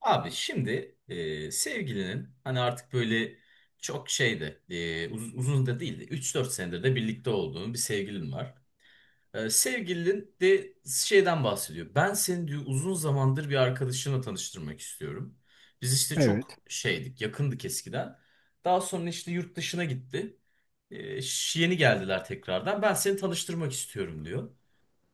Abi şimdi sevgilinin hani artık böyle çok şeydi uzun da değildi, üç dört senedir de birlikte olduğun bir sevgilin var. Sevgilin de şeyden bahsediyor. Ben seni diyor uzun zamandır bir arkadaşına tanıştırmak istiyorum. Biz işte çok Evet. şeydik, yakındık eskiden. Daha sonra işte yurt dışına gitti. Yeni geldiler tekrardan. Ben seni tanıştırmak istiyorum diyor.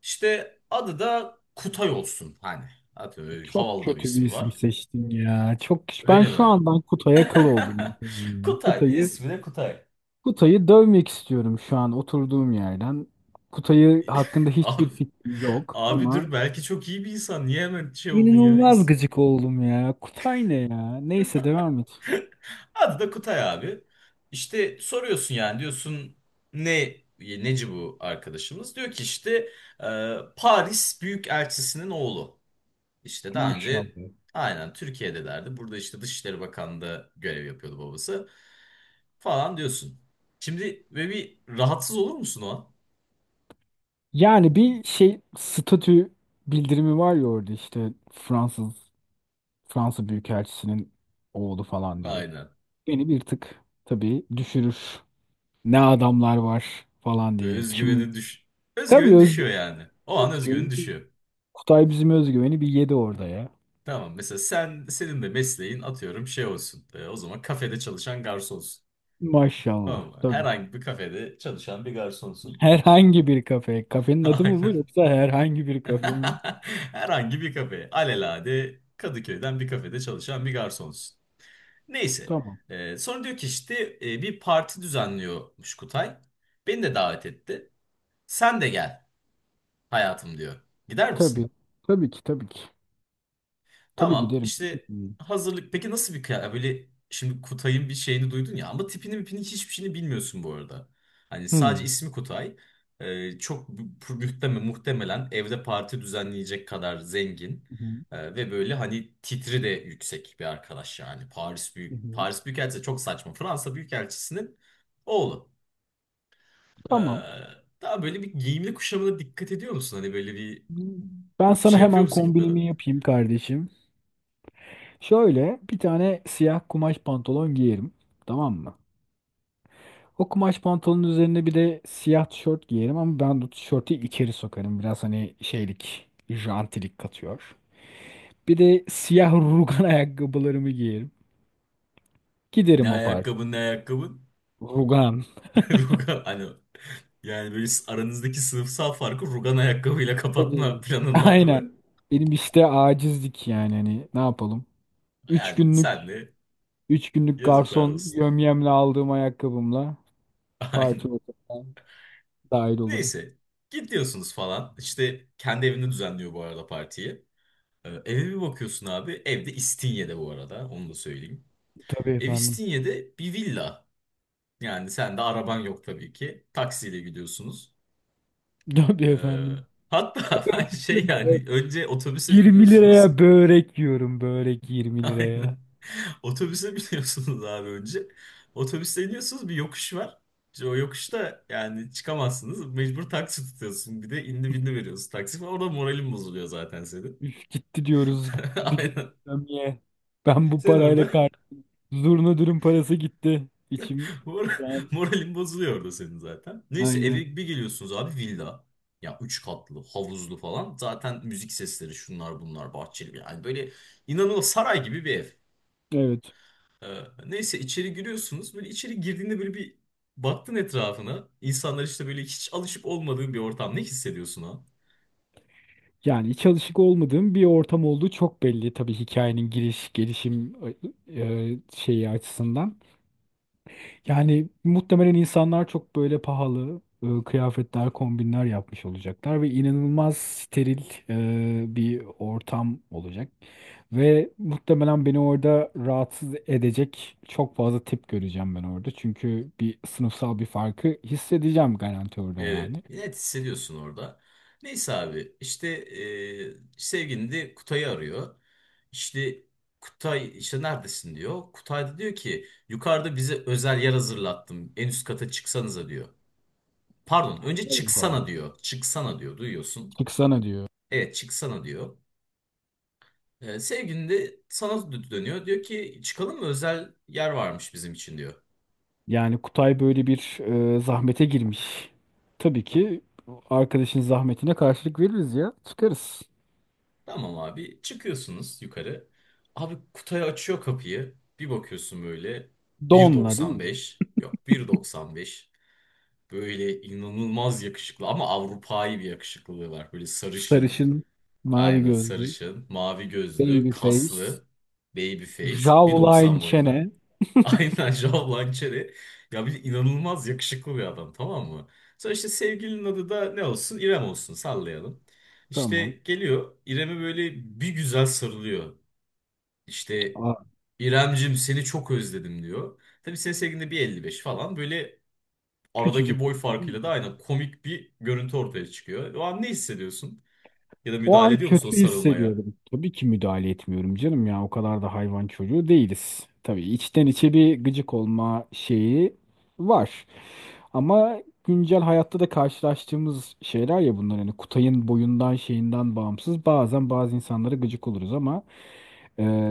İşte adı da Kutay olsun hani. Atıyorum, öyle Çok havalı da bir kötü bir ismi isim var. seçtin ya. Çok ben Öyle şu mi? andan Kutay'a kıl oldum. Kutay. Kutay'ı İsmi de Kutay. Kutay'ı dövmek istiyorum şu an oturduğum yerden. Kutay'ı hakkında Abi, hiçbir fikrim yok abi ama dur belki çok iyi bir insan. Niye hemen şey oldun ya? inanılmaz gıcık oldum ya. Kutay ne ya? Neyse devam et. Adı da Kutay abi. İşte soruyorsun yani, diyorsun ne neci bu arkadaşımız? Diyor ki işte Paris Büyükelçisi'nin oğlu. İşte daha önce Maşallah. aynen Türkiye'delerdi. Burada işte Dışişleri Bakanlığı'nda görev yapıyordu babası. Falan diyorsun. Şimdi ve bir rahatsız olur musun o an? Yani bir şey statü bildirimi var ya orada işte Fransa Büyükelçisi'nin oğlu falan diye. Aynen. Beni bir tık tabii düşürür. Ne adamlar var falan Böyle diye. Kim? Tabii özgüveni özgü, düşüyor yani. O an özgüveni, özgüveni düşüyor. Kutay bizim özgüveni bir yedi orada ya. Tamam, mesela senin de mesleğin atıyorum şey olsun. O zaman kafede çalışan garsonsun. Tamam Maşallah. mı? Tabii. Herhangi bir kafede çalışan bir garsonsun. Herhangi bir kafe. Kafenin adı mı bu Aynen. yoksa herhangi bir kafe mi? Herhangi bir kafe. Alelade Kadıköy'den bir kafede çalışan bir garsonsun. Neyse. Tamam. Sonra diyor ki işte bir parti düzenliyormuş Kutay. Beni de davet etti. Sen de gel hayatım diyor. Gider misin? Tabii. Tabii ki tabii ki. Tabii Tamam giderim. işte, Hmm. hazırlık peki nasıl bir kıyafet, böyle şimdi Kutay'ın bir şeyini duydun ya ama tipini mipini hiçbir şeyini bilmiyorsun bu arada. Hani sadece Hmm. ismi Kutay. Çok muhtemelen, evde parti düzenleyecek kadar zengin. Hmm. Ve böyle hani titri de yüksek bir arkadaş, yani Hmm. Paris Büyükelçisi de çok saçma, Fransa Büyükelçisi'nin oğlu. Ee, Tamam. Daha böyle bir giyimli kuşamına dikkat ediyor musun? Hani böyle bir Ben sana şey yapıyor hemen musun gitmeden? kombinimi yapayım kardeşim. Şöyle bir tane siyah kumaş pantolon giyerim. Tamam mı? O kumaş pantolonun üzerine bir de siyah tişört giyerim ama ben bu tişörtü içeri sokarım. Biraz hani şeylik, jantilik katıyor. Bir de siyah rugan ayakkabılarımı giyerim. Ne Giderim o parti. ayakkabın ne ayakkabın? Rugan. Rugan hani, yani böyle aranızdaki sınıfsal farkı rugan ayakkabıyla kapatma Tabii. planın var değil mi? Aynen. Benim işte acizlik yani hani ne yapalım? Üç Yani günlük senle üç günlük yazıklar garson olsun. yömyemle aldığım ayakkabımla parti Aynen. ortamına dahil olurum. Neyse, gidiyorsunuz falan. İşte kendi evinde düzenliyor bu arada partiyi. Eve bir bakıyorsun abi. Evde, İstinye'de bu arada, onu da söyleyeyim. Tabii Ev efendim. İstinye'de bir villa. Yani sen de araban yok tabii ki. Taksiyle gidiyorsunuz. Tabii Ee, efendim. hatta şey yani önce otobüse 20 biniyorsunuz. liraya börek yiyorum. Börek 20 Aynen. liraya. Otobüse biniyorsunuz abi önce. Otobüse iniyorsunuz, bir yokuş var. İşte o yokuşta yani çıkamazsınız. Mecbur taksi tutuyorsun. Bir de indi bindi veriyorsun taksi falan. Orada moralin bozuluyor zaten senin. Üf, gitti diyoruz. Bir gün Aynen. ikramiye. Ben bu Sen orada parayla kar. Zurna dürüm parası gitti. İçim. mor- Şu an- moralin bozuluyor orada senin zaten. Neyse Aynen. eve bir geliyorsunuz abi, villa. Ya üç katlı, havuzlu falan. Zaten müzik sesleri, şunlar bunlar, bahçeli. Yani böyle inanılmaz saray gibi bir ev. Evet. Neyse içeri giriyorsunuz. Böyle içeri girdiğinde böyle bir baktın etrafına. İnsanlar işte böyle, hiç alışıp olmadığın bir ortam. Ne hissediyorsun ha? Yani hiç alışık olmadığım bir ortam olduğu çok belli. Tabii hikayenin giriş, gelişim şeyi açısından. Yani muhtemelen insanlar çok böyle pahalı kıyafetler, kombinler yapmış olacaklar ve inanılmaz steril bir ortam olacak. Ve muhtemelen beni orada rahatsız edecek çok fazla tip göreceğim ben orada. Çünkü bir sınıfsal bir farkı hissedeceğim garanti orada Evet. yani. Net hissediyorsun orada. Neyse abi işte sevgilin de Kutay'ı arıyor. İşte Kutay işte neredesin diyor. Kutay da diyor ki yukarıda bize özel yer hazırlattım. En üst kata çıksanıza diyor. Pardon, önce Allah çıksana Allah. diyor. Çıksana diyor, duyuyorsun. Çıksana diyor. Evet, çıksana diyor. Sevgilin de sana dönüyor. Diyor ki çıkalım mı, özel yer varmış bizim için diyor. Yani Kutay böyle bir zahmete girmiş. Tabii ki arkadaşın zahmetine karşılık veririz ya. Çıkarız. Tamam abi, çıkıyorsunuz yukarı. Abi Kutay açıyor kapıyı. Bir bakıyorsun böyle Donla değil mi? 1.95, yok 1.95, böyle inanılmaz yakışıklı, ama Avrupa'yı bir yakışıklılığı var. Böyle sarışın, Sarışın, mavi aynen gözlü, sarışın, mavi gözlü, baby face, kaslı, baby face, jawline 1.90 boyunda. çene. Aynen Joao Lançeri. Ya bir de inanılmaz yakışıklı bir adam, tamam mı? Sonra işte sevgilinin adı da ne olsun? İrem olsun, sallayalım. İşte Tamam. geliyor İrem'e, böyle bir güzel sarılıyor. İşte Aa, İremcim seni çok özledim diyor. Tabii senin sevgilin de 1.55 falan, böyle aradaki küçücük. boy farkıyla da aynen komik bir görüntü ortaya çıkıyor. O an ne hissediyorsun? Ya da O müdahale an ediyor musun o kötü sarılmaya? hissediyordum. Tabii ki müdahale etmiyorum canım ya. O kadar da hayvan çocuğu değiliz. Tabii içten içe bir gıcık olma şeyi var. Ama güncel hayatta da karşılaştığımız şeyler ya bunlar. Hani Kutay'ın boyundan şeyinden bağımsız. Bazen bazı insanlara gıcık oluruz ama e,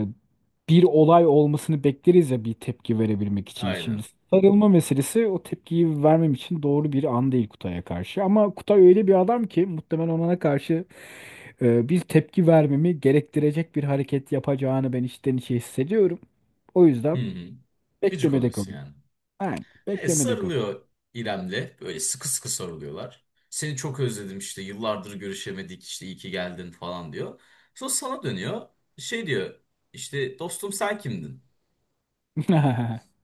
bir olay olmasını bekleriz ya bir tepki verebilmek için. Şimdi Aynen. sarılma meselesi o tepkiyi vermem için doğru bir an değil Kutay'a karşı. Ama Kutay öyle bir adam ki muhtemelen ona karşı bir tepki vermemi gerektirecek bir hareket yapacağını ben içten içe hissediyorum. O Hı yüzden hı. Gıcık beklemede oluyorsun kalın. yani. Ben beklemede kalın. Sarılıyor İrem'le. Böyle sıkı sıkı sarılıyorlar. Seni çok özledim, işte yıllardır görüşemedik, işte iyi ki geldin falan diyor. Sonra sana dönüyor. Şey diyor, işte dostum sen kimdin?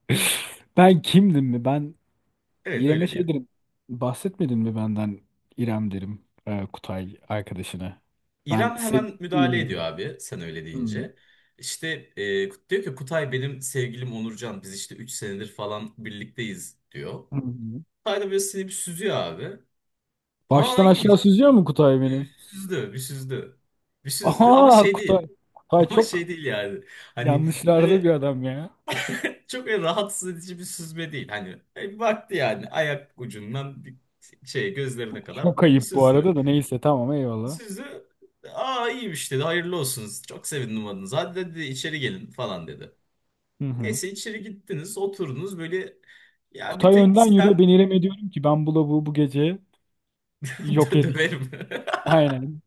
Ben kimdim mi? Ben Evet İrem'e öyle diyor. şey derim. Bahsetmedin mi benden İrem derim. Kutay arkadaşına. Ben İrem hemen müdahale sevgilisiyim ediyor derim. abi sen öyle Hı deyince. İşte diyor ki Kutay benim sevgilim Onurcan, biz işte 3 senedir falan birlikteyiz diyor. hı. Kutay da böyle seni bir süzüyor abi. Ha, Baştan aşağı iyiymiş. süzüyor mu Kutay Bir beni? süzdü, bir süzdü. Bir süzdü ama Aha şey Kutay. değil. Kutay Ama şey çok değil yani. Hani yanlışlarda bir öyle adam ya. çok öyle rahatsız edici bir süzme değil. Hani baktı yani, ayak ucundan bir şey gözlerine kadar Çok bir ayıp bu süzdü. arada da neyse tamam Bir eyvallah. süzdü. Aa iyiymiş dedi. Hayırlı olsun. Çok sevindim adınız. Hadi dedi içeri gelin falan dedi. Hı hı. Neyse içeri gittiniz, oturdunuz böyle, ya bir Kutay tek önden yürüyor. sen Ben İrem'e diyorum ki ben bu lavuğu bu gece yok edeyim. döverim. Aynen.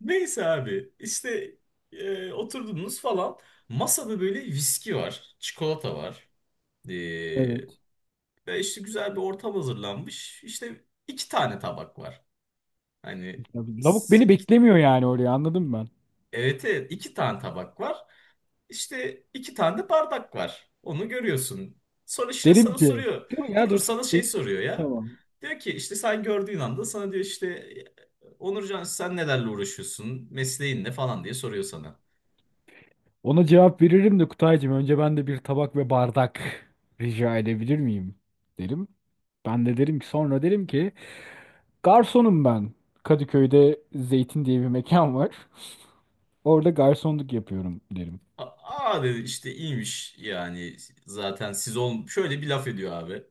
Neyse abi işte oturdunuz falan. Masada böyle viski var, çikolata var. Evet. Ve işte güzel bir ortam hazırlanmış. İşte iki tane tabak var. Hani Lavuk beni iki, beklemiyor yani oraya anladın mı ben? evet, evet, iki tane tabak var. İşte iki tane de bardak var. Onu görüyorsun. Sonra işte Derim sana ki soruyor. dur ya Dur dur, dur sana şey dur. soruyor ya. Tamam. Diyor ki işte sen gördüğün anda sana diyor işte Onurcan sen nelerle uğraşıyorsun? Mesleğin ne falan diye soruyor sana. Ona cevap veririm de Kutaycığım önce ben de bir tabak ve bardak rica edebilir miyim derim. Ben de derim ki sonra derim ki garsonum ben. Kadıköy'de Zeytin diye bir mekan var. Orada garsonluk yapıyorum derim. Aa dedi, işte iyiymiş yani, zaten siz ol, şöyle bir laf ediyor abi.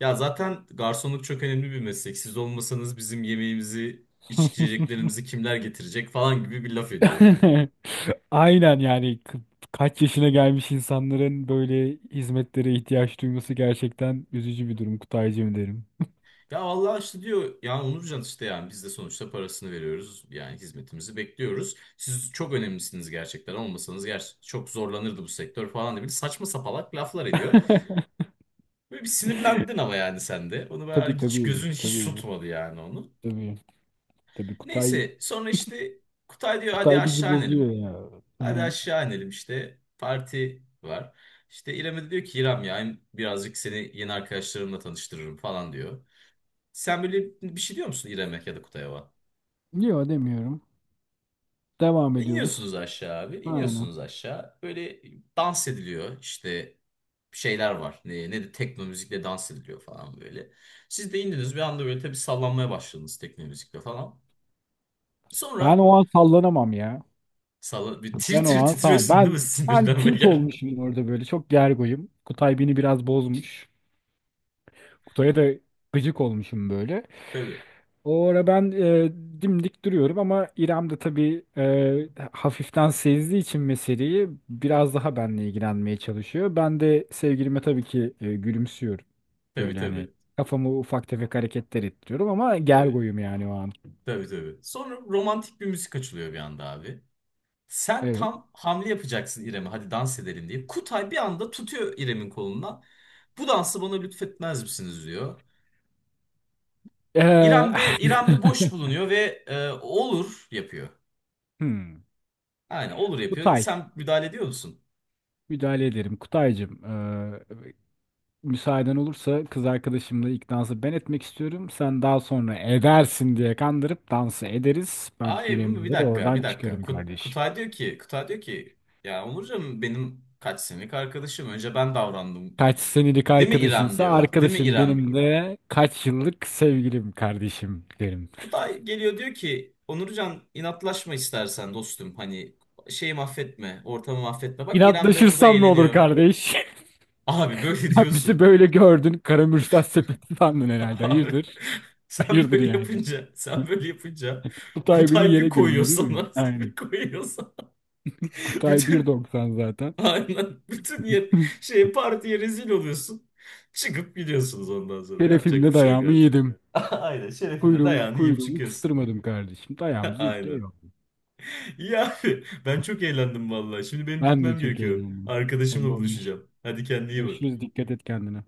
Ya zaten garsonluk çok önemli bir meslek. Siz olmasanız bizim yemeğimizi, içeceklerimizi kimler getirecek falan gibi bir laf ediyor. Aynen yani ka- kaç yaşına gelmiş insanların böyle hizmetlere ihtiyaç duyması gerçekten üzücü bir durum Kutaycığım derim. Ya vallahi işte diyor ya Onurcan, işte yani biz de sonuçta parasını veriyoruz. Yani hizmetimizi bekliyoruz. Siz çok önemlisiniz gerçekten. Olmasanız gerçekten çok zorlanırdı bu sektör falan diye bir saçma sapalak laflar ediyor. Böyle bir sinirlendin ama yani sen de. Onu Tabii, ben hiç, tabii, gözün hiç tabii, tutmadı yani onu. tabii, tabii, Kutay Neyse sonra işte Kutay diyor hadi Kutay bizi aşağı bozuyor inelim. ya. Hı Hadi hı. aşağı inelim işte parti var. İşte İrem'e de diyor ki İrem ya hem birazcık seni yeni arkadaşlarımla tanıştırırım falan diyor. Sen böyle bir şey diyor musun İrem'e ya da Kutay'a? Yok demiyorum. Devam İniyorsunuz ediyoruz. aşağı abi, Aynen. iniyorsunuz aşağı. Böyle dans ediliyor işte, şeyler var. Ne, ne de tekno müzikle dans ediliyor falan böyle. Siz de indiniz bir anda, böyle tabii sallanmaya başladınız tekno müzikle falan. Ben Sonra o an sallanamam ya. salla, bir tir Ben o tir an sana titriyorsun değil ben mi ben sinirden be. tilt olmuşum orada böyle çok gergoyum. Kutay beni biraz bozmuş. Kutay'a da gıcık olmuşum böyle. Tabii, O ara ben dimdik duruyorum ama İrem de tabii hafiften sezdiği için meseleyi biraz daha benle ilgilenmeye çalışıyor. Ben de sevgilime tabii ki gülümsüyorum. tabii, Böyle hani tabii, kafamı ufak tefek hareketler ettiriyorum ama tabii, gergoyum yani o an. tabii, tabii. Sonra romantik bir müzik açılıyor bir anda abi. Sen Evet. tam hamle yapacaksın İrem'e, hadi dans edelim diye. Kutay bir anda tutuyor İrem'in kolundan. Bu dansı bana lütfetmez misiniz diyor. Ee, İrem de boş bulunuyor ve olur yapıyor. hmm. Aynen, olur yapıyor. Kutay. Sen müdahale ediyor musun? Müdahale ederim. Kutaycığım. e, müsaaden olursa kız arkadaşımla ilk dansı ben etmek istiyorum. Sen daha sonra edersin diye kandırıp dansı ederiz. Ben Ay İrem'i bir de dakika oradan bir dakika. çıkarım kardeşim. Kutay diyor ki ya Onurcan benim kaç senelik arkadaşım. Önce ben davrandım. Kaç senelik Değil mi İrem arkadaşınsa diyor. Değil mi arkadaşım İrem? benim de kaç yıllık sevgilim kardeşim derim. Kutay geliyor diyor ki Onurcan inatlaşma istersen dostum, hani şeyi mahvetme, ortamı mahvetme, bak İrem de burada İnatlaşırsam ne olur eğleniyor. kardeş? Abi böyle Sen bizi diyorsun. böyle gördün. Karamürsel sepeti sandın herhalde. Abi Hayırdır? sen Hayırdır böyle yani. yapınca, sen böyle yapınca Kutay beni Kutay bir yere koyuyor gömüyor değil mi? sana Aynen. bir koyuyor sana. Kutay Bütün, 1.90 zaten. aynen bütün yer, şey partiye rezil oluyorsun. Çıkıp gidiyorsunuz, ondan sonra yapacak bir Telefimle şey yok dayağımı artık. yedim. Aynen, şerefine Kuyruğu, dayağını yiyip kuyruğumu çıkıyorsun. kıstırmadım kardeşim. Dayağımızı yedik Aynen. eyvallah. İyi abi. Ben çok eğlendim vallahi. Şimdi benim Ben de gitmem çok gerekiyor. eğlendim. Arkadaşımla Tamamdır. buluşacağım. Hadi kendine iyi bak. Görüşürüz. Dikkat et kendine.